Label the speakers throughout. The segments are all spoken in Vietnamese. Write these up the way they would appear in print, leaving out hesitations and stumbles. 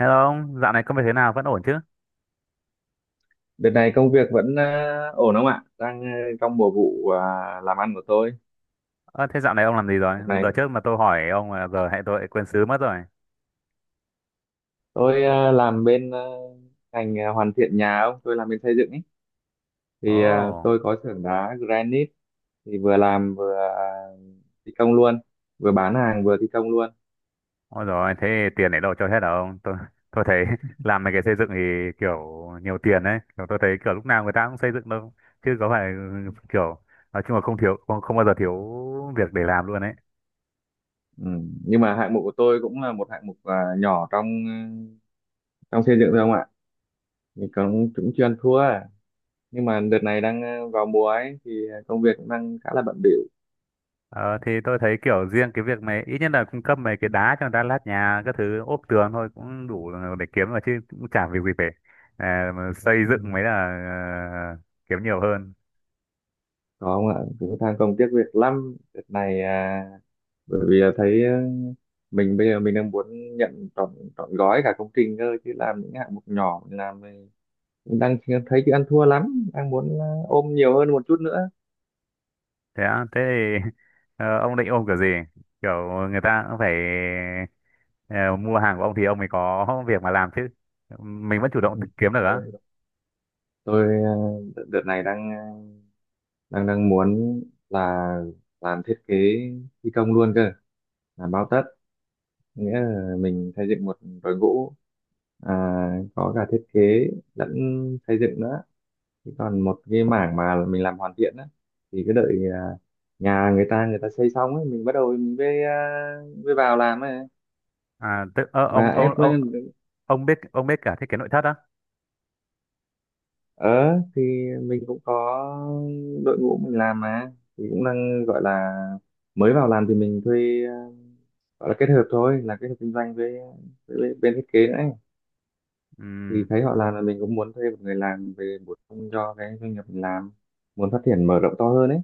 Speaker 1: Hello ông, dạo này công việc thế nào, vẫn ổn chứ?
Speaker 2: Đợt này công việc vẫn ổn không ạ? Đang trong mùa vụ làm ăn của tôi.
Speaker 1: Ơ, thế dạo này ông làm gì rồi?
Speaker 2: Đợt
Speaker 1: Đợt
Speaker 2: này
Speaker 1: trước mà tôi hỏi ông là giờ hệ tôi lại quên xứ mất rồi.
Speaker 2: tôi làm bên ngành hoàn thiện nhà ông, tôi làm bên xây dựng ấy.
Speaker 1: Ồ,
Speaker 2: Thì
Speaker 1: oh,
Speaker 2: tôi có xưởng đá granite thì vừa làm vừa thi công luôn, vừa bán hàng vừa thi công luôn.
Speaker 1: ôi rồi, thế tiền để đâu cho hết hả ông? Tôi thấy làm mấy cái xây dựng thì kiểu nhiều tiền đấy. Kiểu tôi thấy kiểu lúc nào người ta cũng xây dựng đâu. Chứ có phải kiểu, nói chung là không thiếu không, không bao giờ thiếu việc để làm luôn đấy.
Speaker 2: Ừ. Nhưng mà hạng mục của tôi cũng là một hạng mục nhỏ trong xây dựng thôi không ạ? Mình cũng cũng chưa ăn thua à. Nhưng mà đợt này đang vào mùa ấy thì công việc cũng đang khá là bận bịu.
Speaker 1: Ờ, thì tôi thấy kiểu riêng cái việc mày ít nhất là cung cấp mấy cái đá cho người ta lát nhà, các thứ ốp tường thôi cũng đủ để kiếm mà, chứ cũng chả việc gì phải. Mà xây
Speaker 2: Ừ.
Speaker 1: dựng mới là ờ, kiếm nhiều hơn.
Speaker 2: Có không ạ, cũng than công tiếc việc lắm đợt này à, bởi vì là thấy mình bây giờ mình đang muốn nhận trọn trọn gói cả công trình cơ chứ làm những hạng mục nhỏ mình làm mình cũng đang thấy chứ ăn thua lắm, đang muốn ôm nhiều hơn một chút nữa.
Speaker 1: Thế á? Thế thì ông định ôm kiểu gì? Kiểu người ta cũng phải ờ, mua hàng của ông thì ông mới có việc mà làm chứ, mình vẫn chủ động tự
Speaker 2: Ừ,
Speaker 1: kiếm được á?
Speaker 2: rồi tôi đợt đợt này đang đang đang muốn là làm thiết kế thi công luôn cơ, làm bao tất, nghĩa là mình xây dựng một đội ngũ, à, có cả thiết kế lẫn xây dựng nữa. Thế còn một cái mảng mà mình làm hoàn thiện á thì cứ đợi, nhà người ta xây xong ấy mình bắt đầu mình mới vào làm ấy,
Speaker 1: À, tức
Speaker 2: mà
Speaker 1: ông ông
Speaker 2: ép
Speaker 1: ông
Speaker 2: lên-
Speaker 1: ông biết, ông biết cả thiết kế nội thất á?
Speaker 2: ở thì mình cũng có đội ngũ mình làm mà, thì cũng đang gọi là mới vào làm thì mình thuê, gọi là kết hợp thôi, là kết hợp kinh doanh với bên thiết kế nữa ấy.
Speaker 1: Ừ.
Speaker 2: Thì thấy họ làm là mình cũng muốn thuê một người làm về bổ sung cho cái doanh nghiệp mình làm, muốn phát triển mở rộng to hơn ấy.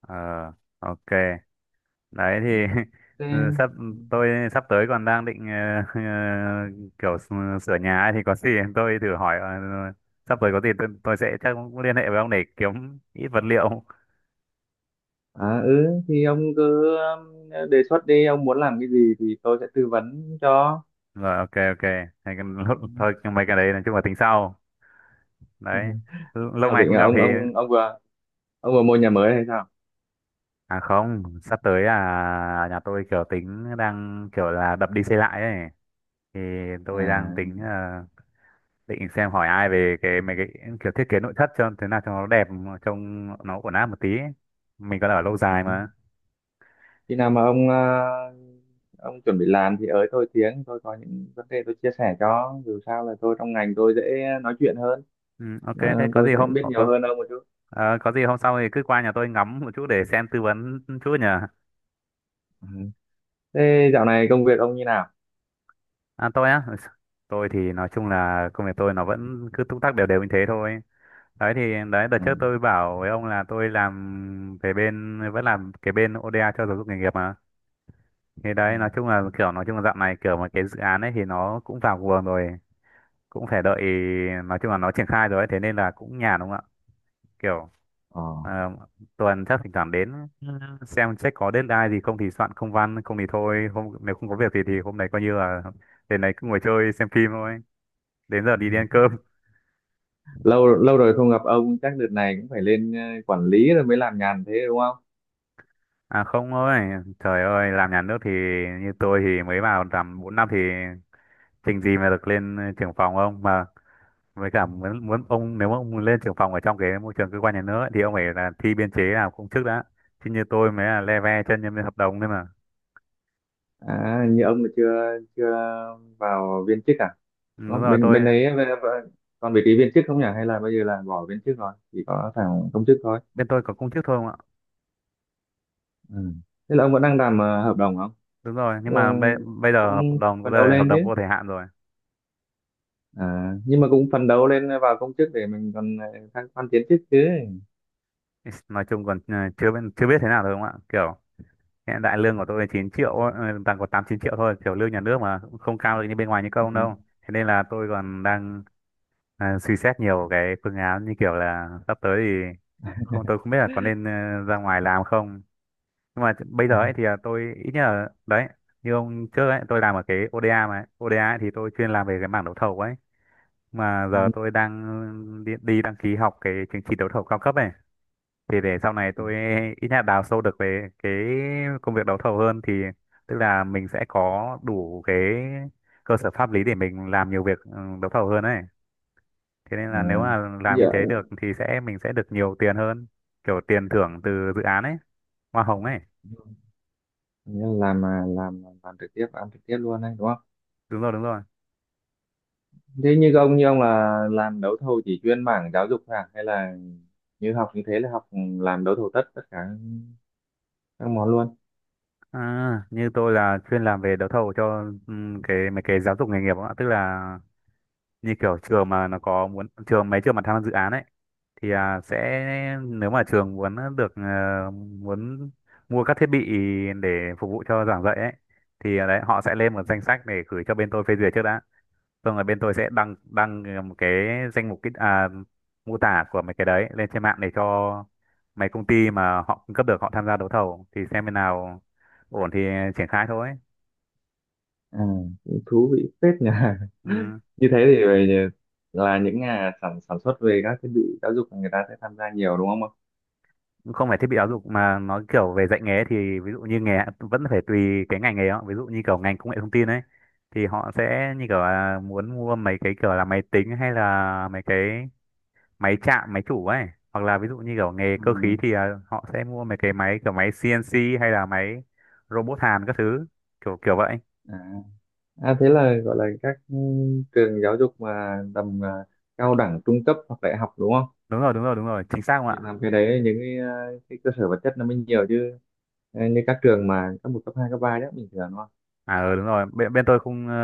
Speaker 1: Ờ. Ok. Đấy thì
Speaker 2: Ừ, thế.
Speaker 1: ừ,
Speaker 2: Ừ.
Speaker 1: tôi sắp tới còn đang định ờ, kiểu sửa nhà ấy, thì có gì tôi thử hỏi sắp tới có gì tôi sẽ chắc cũng liên hệ với ông để kiếm ít vật liệu.
Speaker 2: À, ừ thì ông cứ đề xuất đi, ông muốn làm cái gì thì tôi sẽ tư vấn cho.
Speaker 1: Rồi, ok, ok. Hay cái-
Speaker 2: Ừ.
Speaker 1: thôi, nhưng mấy cái đấy nói chung là tính sau. Đấy. Lâu
Speaker 2: Sao
Speaker 1: ngày
Speaker 2: định
Speaker 1: không
Speaker 2: là
Speaker 1: gặp thì.
Speaker 2: ông vừa mua nhà mới hay sao?
Speaker 1: À không, sắp tới là nhà tôi kiểu tính đang kiểu là đập đi xây lại ấy, thì tôi đang
Speaker 2: À,
Speaker 1: tính định xem hỏi ai về cái mấy cái kiểu thiết kế nội thất cho thế nào cho nó đẹp, trông nó ổn áp một tí ấy. Mình còn ở lâu
Speaker 2: ừ.
Speaker 1: dài mà.
Speaker 2: Khi nào mà ông chuẩn bị làm thì ới tôi tiếng, tôi có những vấn đề tôi chia sẻ, cho dù sao là tôi trong ngành tôi dễ nói chuyện hơn.
Speaker 1: Ừ, ok, thế
Speaker 2: Ờ,
Speaker 1: có
Speaker 2: tôi
Speaker 1: gì
Speaker 2: sẽ biết nhiều hơn ông một chút.
Speaker 1: hôm sau thì cứ qua nhà tôi ngắm một chút để xem tư vấn chút nhỉ?
Speaker 2: Ừ, thế dạo này công việc ông như nào?
Speaker 1: À, tôi á? Tôi thì nói chung là công việc tôi nó vẫn cứ túc tắc đều đều như thế thôi. Đấy thì đấy, đợt
Speaker 2: Ừ.
Speaker 1: trước tôi bảo với ông là tôi làm về bên, vẫn làm cái bên ODA cho giáo dục nghề nghiệp mà. Thì
Speaker 2: Ừ.
Speaker 1: đấy nói chung là kiểu, nói chung là dạo này kiểu mà cái dự án ấy thì nó cũng vào guồng rồi, cũng phải đợi. Nói chung là nó triển khai rồi ấy, thế nên là cũng nhàn đúng không ạ? Kiểu
Speaker 2: Ờ.
Speaker 1: ờ, tuần chắc thỉnh thoảng đến, ừ, xem check có deadline gì không thì soạn công văn, không thì thôi, hôm nếu không có việc thì hôm nay coi như là đến đấy cứ ngồi chơi xem phim thôi, đến giờ đi đi ăn cơm.
Speaker 2: Lâu lâu rồi không gặp ông, chắc đợt này cũng phải lên quản lý rồi mới làm nhàn thế đúng không?
Speaker 1: À không, ơi, trời ơi, làm nhà nước thì như tôi thì mới vào làm 4 năm thì trình gì mà được lên trưởng phòng không mà. Với cả muốn muốn ông, nếu mà ông lên trưởng phòng ở trong cái môi trường cơ quan nhà nước ấy, thì ông phải là thi biên chế nào công chức đã, chứ như tôi mới là le ve chân nhân viên hợp đồng thôi mà.
Speaker 2: À, như ông là chưa chưa vào viên chức à?
Speaker 1: Ừ,
Speaker 2: Ờ,
Speaker 1: đúng rồi,
Speaker 2: bên bên đấy còn vị trí viên chức không nhỉ? Hay là bây giờ là bỏ viên chức rồi, chỉ có thằng công chức thôi?
Speaker 1: bên tôi có công chức thôi không ạ.
Speaker 2: Ừ. Thế là ông vẫn đang làm hợp đồng không?
Speaker 1: Đúng rồi, nhưng
Speaker 2: Ừ,
Speaker 1: mà bây giờ hợp
Speaker 2: cũng
Speaker 1: đồng có
Speaker 2: phấn đấu
Speaker 1: đời hợp
Speaker 2: lên
Speaker 1: đồng
Speaker 2: chứ.
Speaker 1: vô thời hạn rồi.
Speaker 2: À, nhưng mà cũng phấn đấu lên vào công chức để mình còn thăng quan tiến chức chứ.
Speaker 1: Nói chung còn chưa biết chưa biết thế nào thôi không ạ, kiểu hiện tại lương của tôi là 9 triệu ấy, đang có 8-9 triệu thôi, kiểu lương nhà nước mà cũng không cao được như bên ngoài như công
Speaker 2: Ừ.
Speaker 1: đâu. Thế nên là tôi còn đang suy xét nhiều cái phương án, như kiểu là sắp tới thì không tôi không biết là có nên ra ngoài làm không. Nhưng mà bây giờ ấy thì là tôi ít nhất là đấy, như ông trước ấy tôi làm ở cái ODA mà ấy. ODA ấy thì tôi chuyên làm về cái mảng đấu thầu ấy, mà giờ
Speaker 2: Ừ.
Speaker 1: tôi đang đi đăng ký học cái chứng chỉ đấu thầu cao cấp ấy, thì để sau này tôi ít nhất là đào sâu được về cái công việc đấu thầu hơn, thì tức là mình sẽ có đủ cái cơ sở pháp lý để mình làm nhiều việc đấu thầu hơn ấy. Thế nên là nếu
Speaker 2: À,
Speaker 1: mà làm như
Speaker 2: giờ.
Speaker 1: thế được thì sẽ mình sẽ được nhiều tiền hơn, kiểu tiền thưởng từ dự
Speaker 2: Ừ.
Speaker 1: án ấy, hoa hồng ấy.
Speaker 2: Nghĩa là làm mà làm trực tiếp, ăn trực tiếp luôn đấy đúng không?
Speaker 1: Đúng rồi, đúng rồi.
Speaker 2: Thế như ông là làm đấu thầu chỉ chuyên mảng giáo dục thôi à, hay là như học như thế là học làm đấu thầu tất tất cả các món luôn?
Speaker 1: À, như tôi là chuyên làm về đấu thầu cho cái mấy cái giáo dục nghề nghiệp ạ, tức là như kiểu trường mà nó có muốn, trường mấy trường mà tham gia dự án ấy thì nếu mà trường muốn được muốn mua các thiết bị để phục vụ cho giảng dạy ấy, thì đấy, họ sẽ lên một danh sách để gửi cho bên tôi phê duyệt trước đã. Xong rồi bên tôi sẽ đăng đăng ờ, một cái danh mục, cái mô tả của mấy cái đấy lên trên mạng để cho mấy công ty mà họ cung cấp được họ tham gia đấu thầu, thì xem bên nào ổn thì triển khai thôi.
Speaker 2: À, cũng thú vị phết nhỉ.
Speaker 1: Ừ.
Speaker 2: Như thế thì về là những nhà sản sản xuất về các thiết bị giáo dục là người ta sẽ tham gia nhiều đúng không ạ?
Speaker 1: Cũng không phải thiết bị giáo dục mà nó kiểu về dạy nghề, thì ví dụ như nghề vẫn phải tùy cái ngành nghề đó. Ví dụ như kiểu ngành công nghệ thông tin ấy thì họ sẽ như kiểu là muốn mua mấy cái kiểu là máy tính, hay là mấy cái máy chạm, máy chủ ấy, hoặc là ví dụ như kiểu nghề cơ
Speaker 2: Ừ.
Speaker 1: khí thì họ sẽ mua mấy cái máy kiểu máy CNC hay là máy robot hàn các thứ, kiểu kiểu vậy.
Speaker 2: À. À, thế là gọi là các trường giáo dục mà tầm, cao đẳng trung cấp hoặc đại học đúng không?
Speaker 1: Đúng rồi, đúng rồi, đúng rồi, chính xác không ạ.
Speaker 2: Thì làm cái đấy những cái, cái cơ sở vật chất nó mới nhiều chứ. Ờ, như các trường mà cấp một cấp hai cấp ba đó bình thường.
Speaker 1: À, ừ, đúng rồi, bên bên tôi không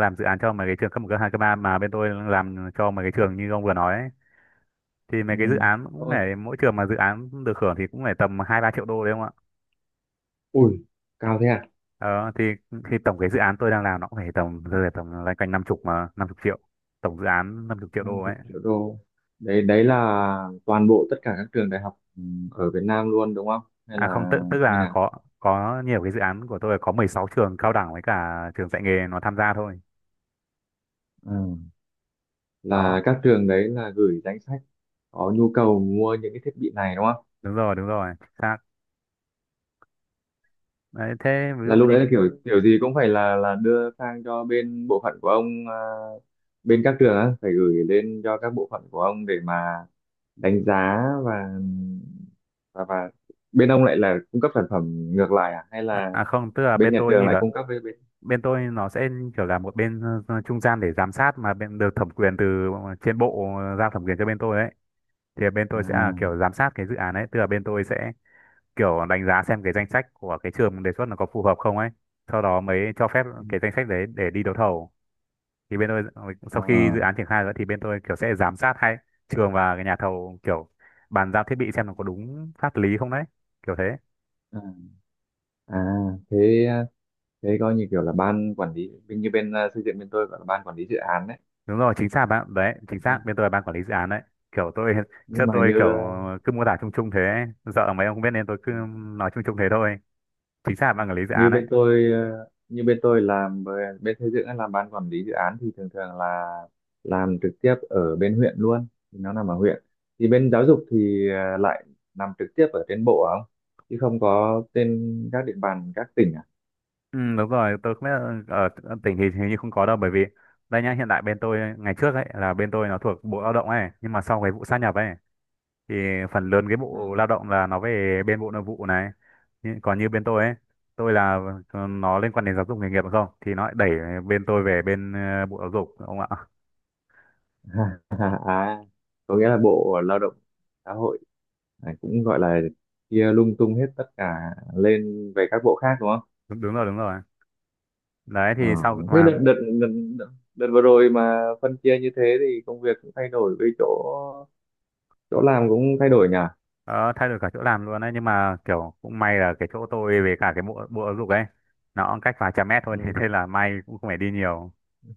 Speaker 1: làm dự án cho mấy cái trường cấp một, cấp hai, cấp ba, mà bên tôi làm cho mấy cái trường như ông vừa nói ấy. Thì mấy
Speaker 2: Ừ.
Speaker 1: cái dự án
Speaker 2: Ờ,
Speaker 1: cũng phải, mỗi trường mà dự án được hưởng thì cũng phải tầm 2-3 triệu đô đấy không ạ.
Speaker 2: ui, cao thế à?
Speaker 1: Ờ, thì tổng cái dự án tôi đang làm nó cũng phải tầm, rơi vào tầm loanh quanh năm chục, mà 50 triệu, tổng dự án năm chục triệu
Speaker 2: năm
Speaker 1: đô ấy.
Speaker 2: mươi triệu đô. Đấy, đấy là toàn bộ tất cả các trường đại học ở Việt Nam luôn đúng không? Hay
Speaker 1: À không,
Speaker 2: là
Speaker 1: tức
Speaker 2: như
Speaker 1: là
Speaker 2: nào?
Speaker 1: có nhiều cái dự án của tôi là có 16 trường cao đẳng với cả trường dạy nghề nó tham gia thôi.
Speaker 2: Ừ. Là
Speaker 1: Đó,
Speaker 2: các trường đấy là gửi danh sách có nhu cầu mua những cái thiết bị này đúng không?
Speaker 1: đúng rồi, đúng rồi. Xác. Đấy, thế ví
Speaker 2: Là
Speaker 1: dụ
Speaker 2: lúc
Speaker 1: như
Speaker 2: đấy là kiểu kiểu gì cũng phải là đưa sang cho bên bộ phận của ông, bên các trường á phải gửi lên cho các bộ phận của ông để mà đánh giá và bên ông lại là cung cấp sản phẩm ngược lại, à hay là
Speaker 1: à không, tức là
Speaker 2: bên
Speaker 1: bên
Speaker 2: nhà
Speaker 1: tôi
Speaker 2: trường
Speaker 1: như
Speaker 2: lại
Speaker 1: cả,
Speaker 2: cung cấp với bên.
Speaker 1: bên tôi nó sẽ kiểu là một bên trung gian để giám sát, mà bên được thẩm quyền từ trên bộ giao thẩm quyền cho bên tôi đấy. Thì bên tôi sẽ là
Speaker 2: À.
Speaker 1: kiểu giám sát cái dự án ấy, tức là bên tôi sẽ kiểu đánh giá xem cái danh sách của cái trường đề xuất nó có phù hợp không ấy. Sau đó mới cho phép
Speaker 2: Ừ.
Speaker 1: cái danh sách đấy để đi đấu thầu. Thì bên tôi
Speaker 2: ờ,
Speaker 1: sau khi dự án triển khai rồi thì bên tôi kiểu sẽ giám sát hai trường và cái nhà thầu, kiểu bàn giao thiết bị xem nó có đúng pháp lý không đấy, kiểu thế.
Speaker 2: à, à thế thế coi như kiểu là ban quản lý bên như bên xây dựng bên tôi gọi là ban quản lý dự án đấy.
Speaker 1: Đúng rồi, chính xác, bạn đấy, chính xác,
Speaker 2: Ừ.
Speaker 1: bên tôi là ban quản lý dự án đấy. Kiểu tôi trước
Speaker 2: Nhưng mà
Speaker 1: tôi
Speaker 2: như
Speaker 1: kiểu cứ mô tả chung chung thế ấy, sợ mấy ông không biết nên tôi cứ nói chung chung thế thôi, chính xác là ban quản lý dự
Speaker 2: như
Speaker 1: án đấy.
Speaker 2: bên tôi bên xây dựng ấy, làm ban quản lý dự án thì thường thường là làm trực tiếp ở bên huyện luôn, thì nó nằm ở huyện, thì bên giáo dục thì lại nằm trực tiếp ở trên bộ không, chứ không có trên các địa bàn các tỉnh à?
Speaker 1: Ừ, đúng rồi, tôi không biết là ở tỉnh thì hình như không có đâu, bởi vì đây nhá, hiện tại bên tôi, ngày trước ấy là bên tôi nó thuộc bộ lao động ấy, nhưng mà sau cái vụ sát nhập ấy thì phần lớn cái bộ lao động là nó về bên bộ nội vụ này. Còn như bên tôi ấy, tôi là nó liên quan đến giáo dục nghề nghiệp đúng không, thì nó lại đẩy bên tôi về bên bộ giáo dục ông ạ.
Speaker 2: Ừ. À, có nghĩa là Bộ Lao động Xã hội này cũng gọi là chia lung tung hết tất cả lên về các bộ khác đúng không?
Speaker 1: Đúng, đúng rồi, đúng rồi. Đấy
Speaker 2: Ờ,
Speaker 1: thì sau
Speaker 2: thế
Speaker 1: mà
Speaker 2: đợt, đợt, đợt vừa rồi mà phân chia như thế thì công việc cũng thay đổi, với chỗ chỗ làm cũng thay đổi nhỉ?
Speaker 1: ờ, thay đổi cả chỗ làm luôn đấy, nhưng mà kiểu cũng may là cái chỗ tôi về cả cái bộ, bộ giáo dục ấy, nó cách vài trăm mét thôi thì
Speaker 2: Ừ.
Speaker 1: thế nên là may, cũng không phải đi nhiều.
Speaker 2: Ừ.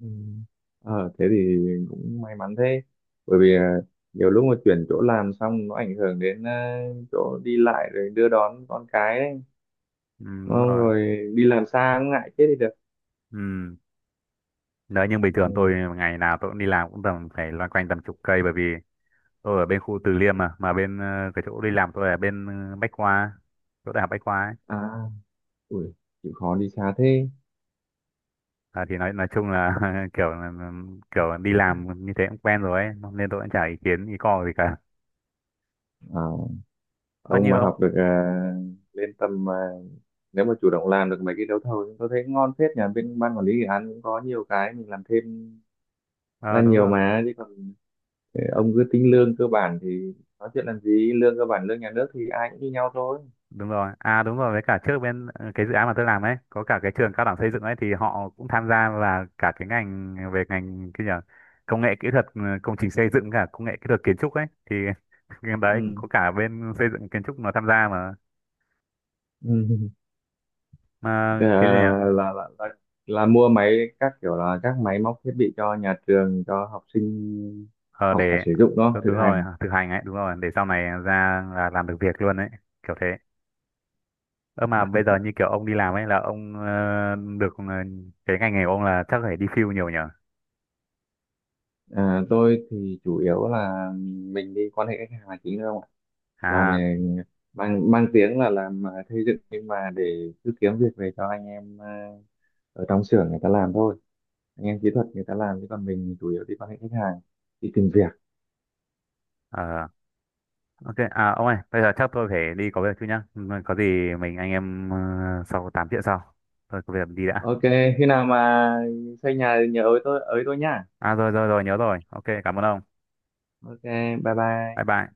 Speaker 2: Ờ, thế thì cũng may mắn thế. Bởi vì, nhiều lúc mà chuyển chỗ làm xong nó ảnh hưởng đến, chỗ đi lại rồi đưa đón con cái đấy.
Speaker 1: Ừ,
Speaker 2: Đúng
Speaker 1: đúng
Speaker 2: không?
Speaker 1: rồi.
Speaker 2: Rồi đi làm xa cũng ngại chết đi được.
Speaker 1: Ừ. Đấy nhưng bình thường
Speaker 2: Ừ.
Speaker 1: tôi ngày nào tôi cũng đi làm cũng tầm phải loanh quanh tầm chục cây, bởi vì tôi ở bên khu Từ Liêm mà bên cái chỗ đi làm tôi ở bên Bách Khoa, chỗ đại học Bách Khoa ấy.
Speaker 2: À. Ui, chịu khó đi xa thế.
Speaker 1: À, thì nói chung là kiểu kiểu đi làm như thế cũng quen rồi ấy, nên tôi cũng chả ý kiến ý co gì cả.
Speaker 2: À,
Speaker 1: Ơ
Speaker 2: ông
Speaker 1: như
Speaker 2: mà
Speaker 1: ông.
Speaker 2: học được, lên tầm, nếu mà chủ động làm được mấy cái đấu thầu thì tôi thấy ngon phết, nhà bên ban quản lý dự án cũng có nhiều cái mình làm thêm
Speaker 1: Ờ,
Speaker 2: ra
Speaker 1: Đúng
Speaker 2: nhiều
Speaker 1: rồi,
Speaker 2: mà, chứ còn ông cứ tính lương cơ bản thì nói chuyện làm gì, lương cơ bản lương nhà nước thì ai cũng như nhau thôi.
Speaker 1: đúng rồi, đúng rồi, với cả trước bên cái dự án mà tôi làm ấy có cả cái trường cao đẳng xây dựng ấy thì họ cũng tham gia, và cả cái ngành về ngành, cái gì nhỉ? Công nghệ kỹ thuật công trình xây dựng, cả công nghệ kỹ thuật kiến trúc ấy thì cái đấy cũng
Speaker 2: Ừ.
Speaker 1: có cả bên xây dựng, kiến trúc nó tham gia mà.
Speaker 2: Ừ.
Speaker 1: Mà
Speaker 2: Ờ,
Speaker 1: cái gì nhỉ?
Speaker 2: là, là là là mua máy các kiểu, là các máy móc thiết bị cho nhà trường cho học sinh
Speaker 1: Ờ,
Speaker 2: học và
Speaker 1: để
Speaker 2: sử dụng đó, thực
Speaker 1: đúng rồi,
Speaker 2: hành.
Speaker 1: thực hành ấy, đúng rồi, để sau này ra là làm được việc luôn ấy, kiểu thế. Ơ mà bây giờ như kiểu ông đi làm ấy là ông ờ, được ờ, cái ngành nghề của ông là chắc phải đi field nhiều nhỉ?
Speaker 2: À, tôi thì chủ yếu là mình đi quan hệ khách hàng là chính thôi không ạ? Là
Speaker 1: à
Speaker 2: mình mang mang tiếng là làm, xây dựng, nhưng mà để cứ kiếm việc về cho anh em, ở trong xưởng người ta làm thôi. Anh em kỹ thuật người ta làm, chứ còn mình chủ yếu đi quan hệ khách hàng, đi tìm việc.
Speaker 1: ờ, Ok, à ông ơi, bây giờ chắc tôi phải đi có việc chút nhá. Ừ, có gì mình anh em sau 8 chuyện sau. Tôi có việc đi đã.
Speaker 2: Ok, khi nào mà xây nhà thì nhớ ới tôi nhá.
Speaker 1: À rồi, rồi rồi, nhớ rồi. Ok, cảm ơn ông.
Speaker 2: Ok, bye bye.
Speaker 1: Bye bye.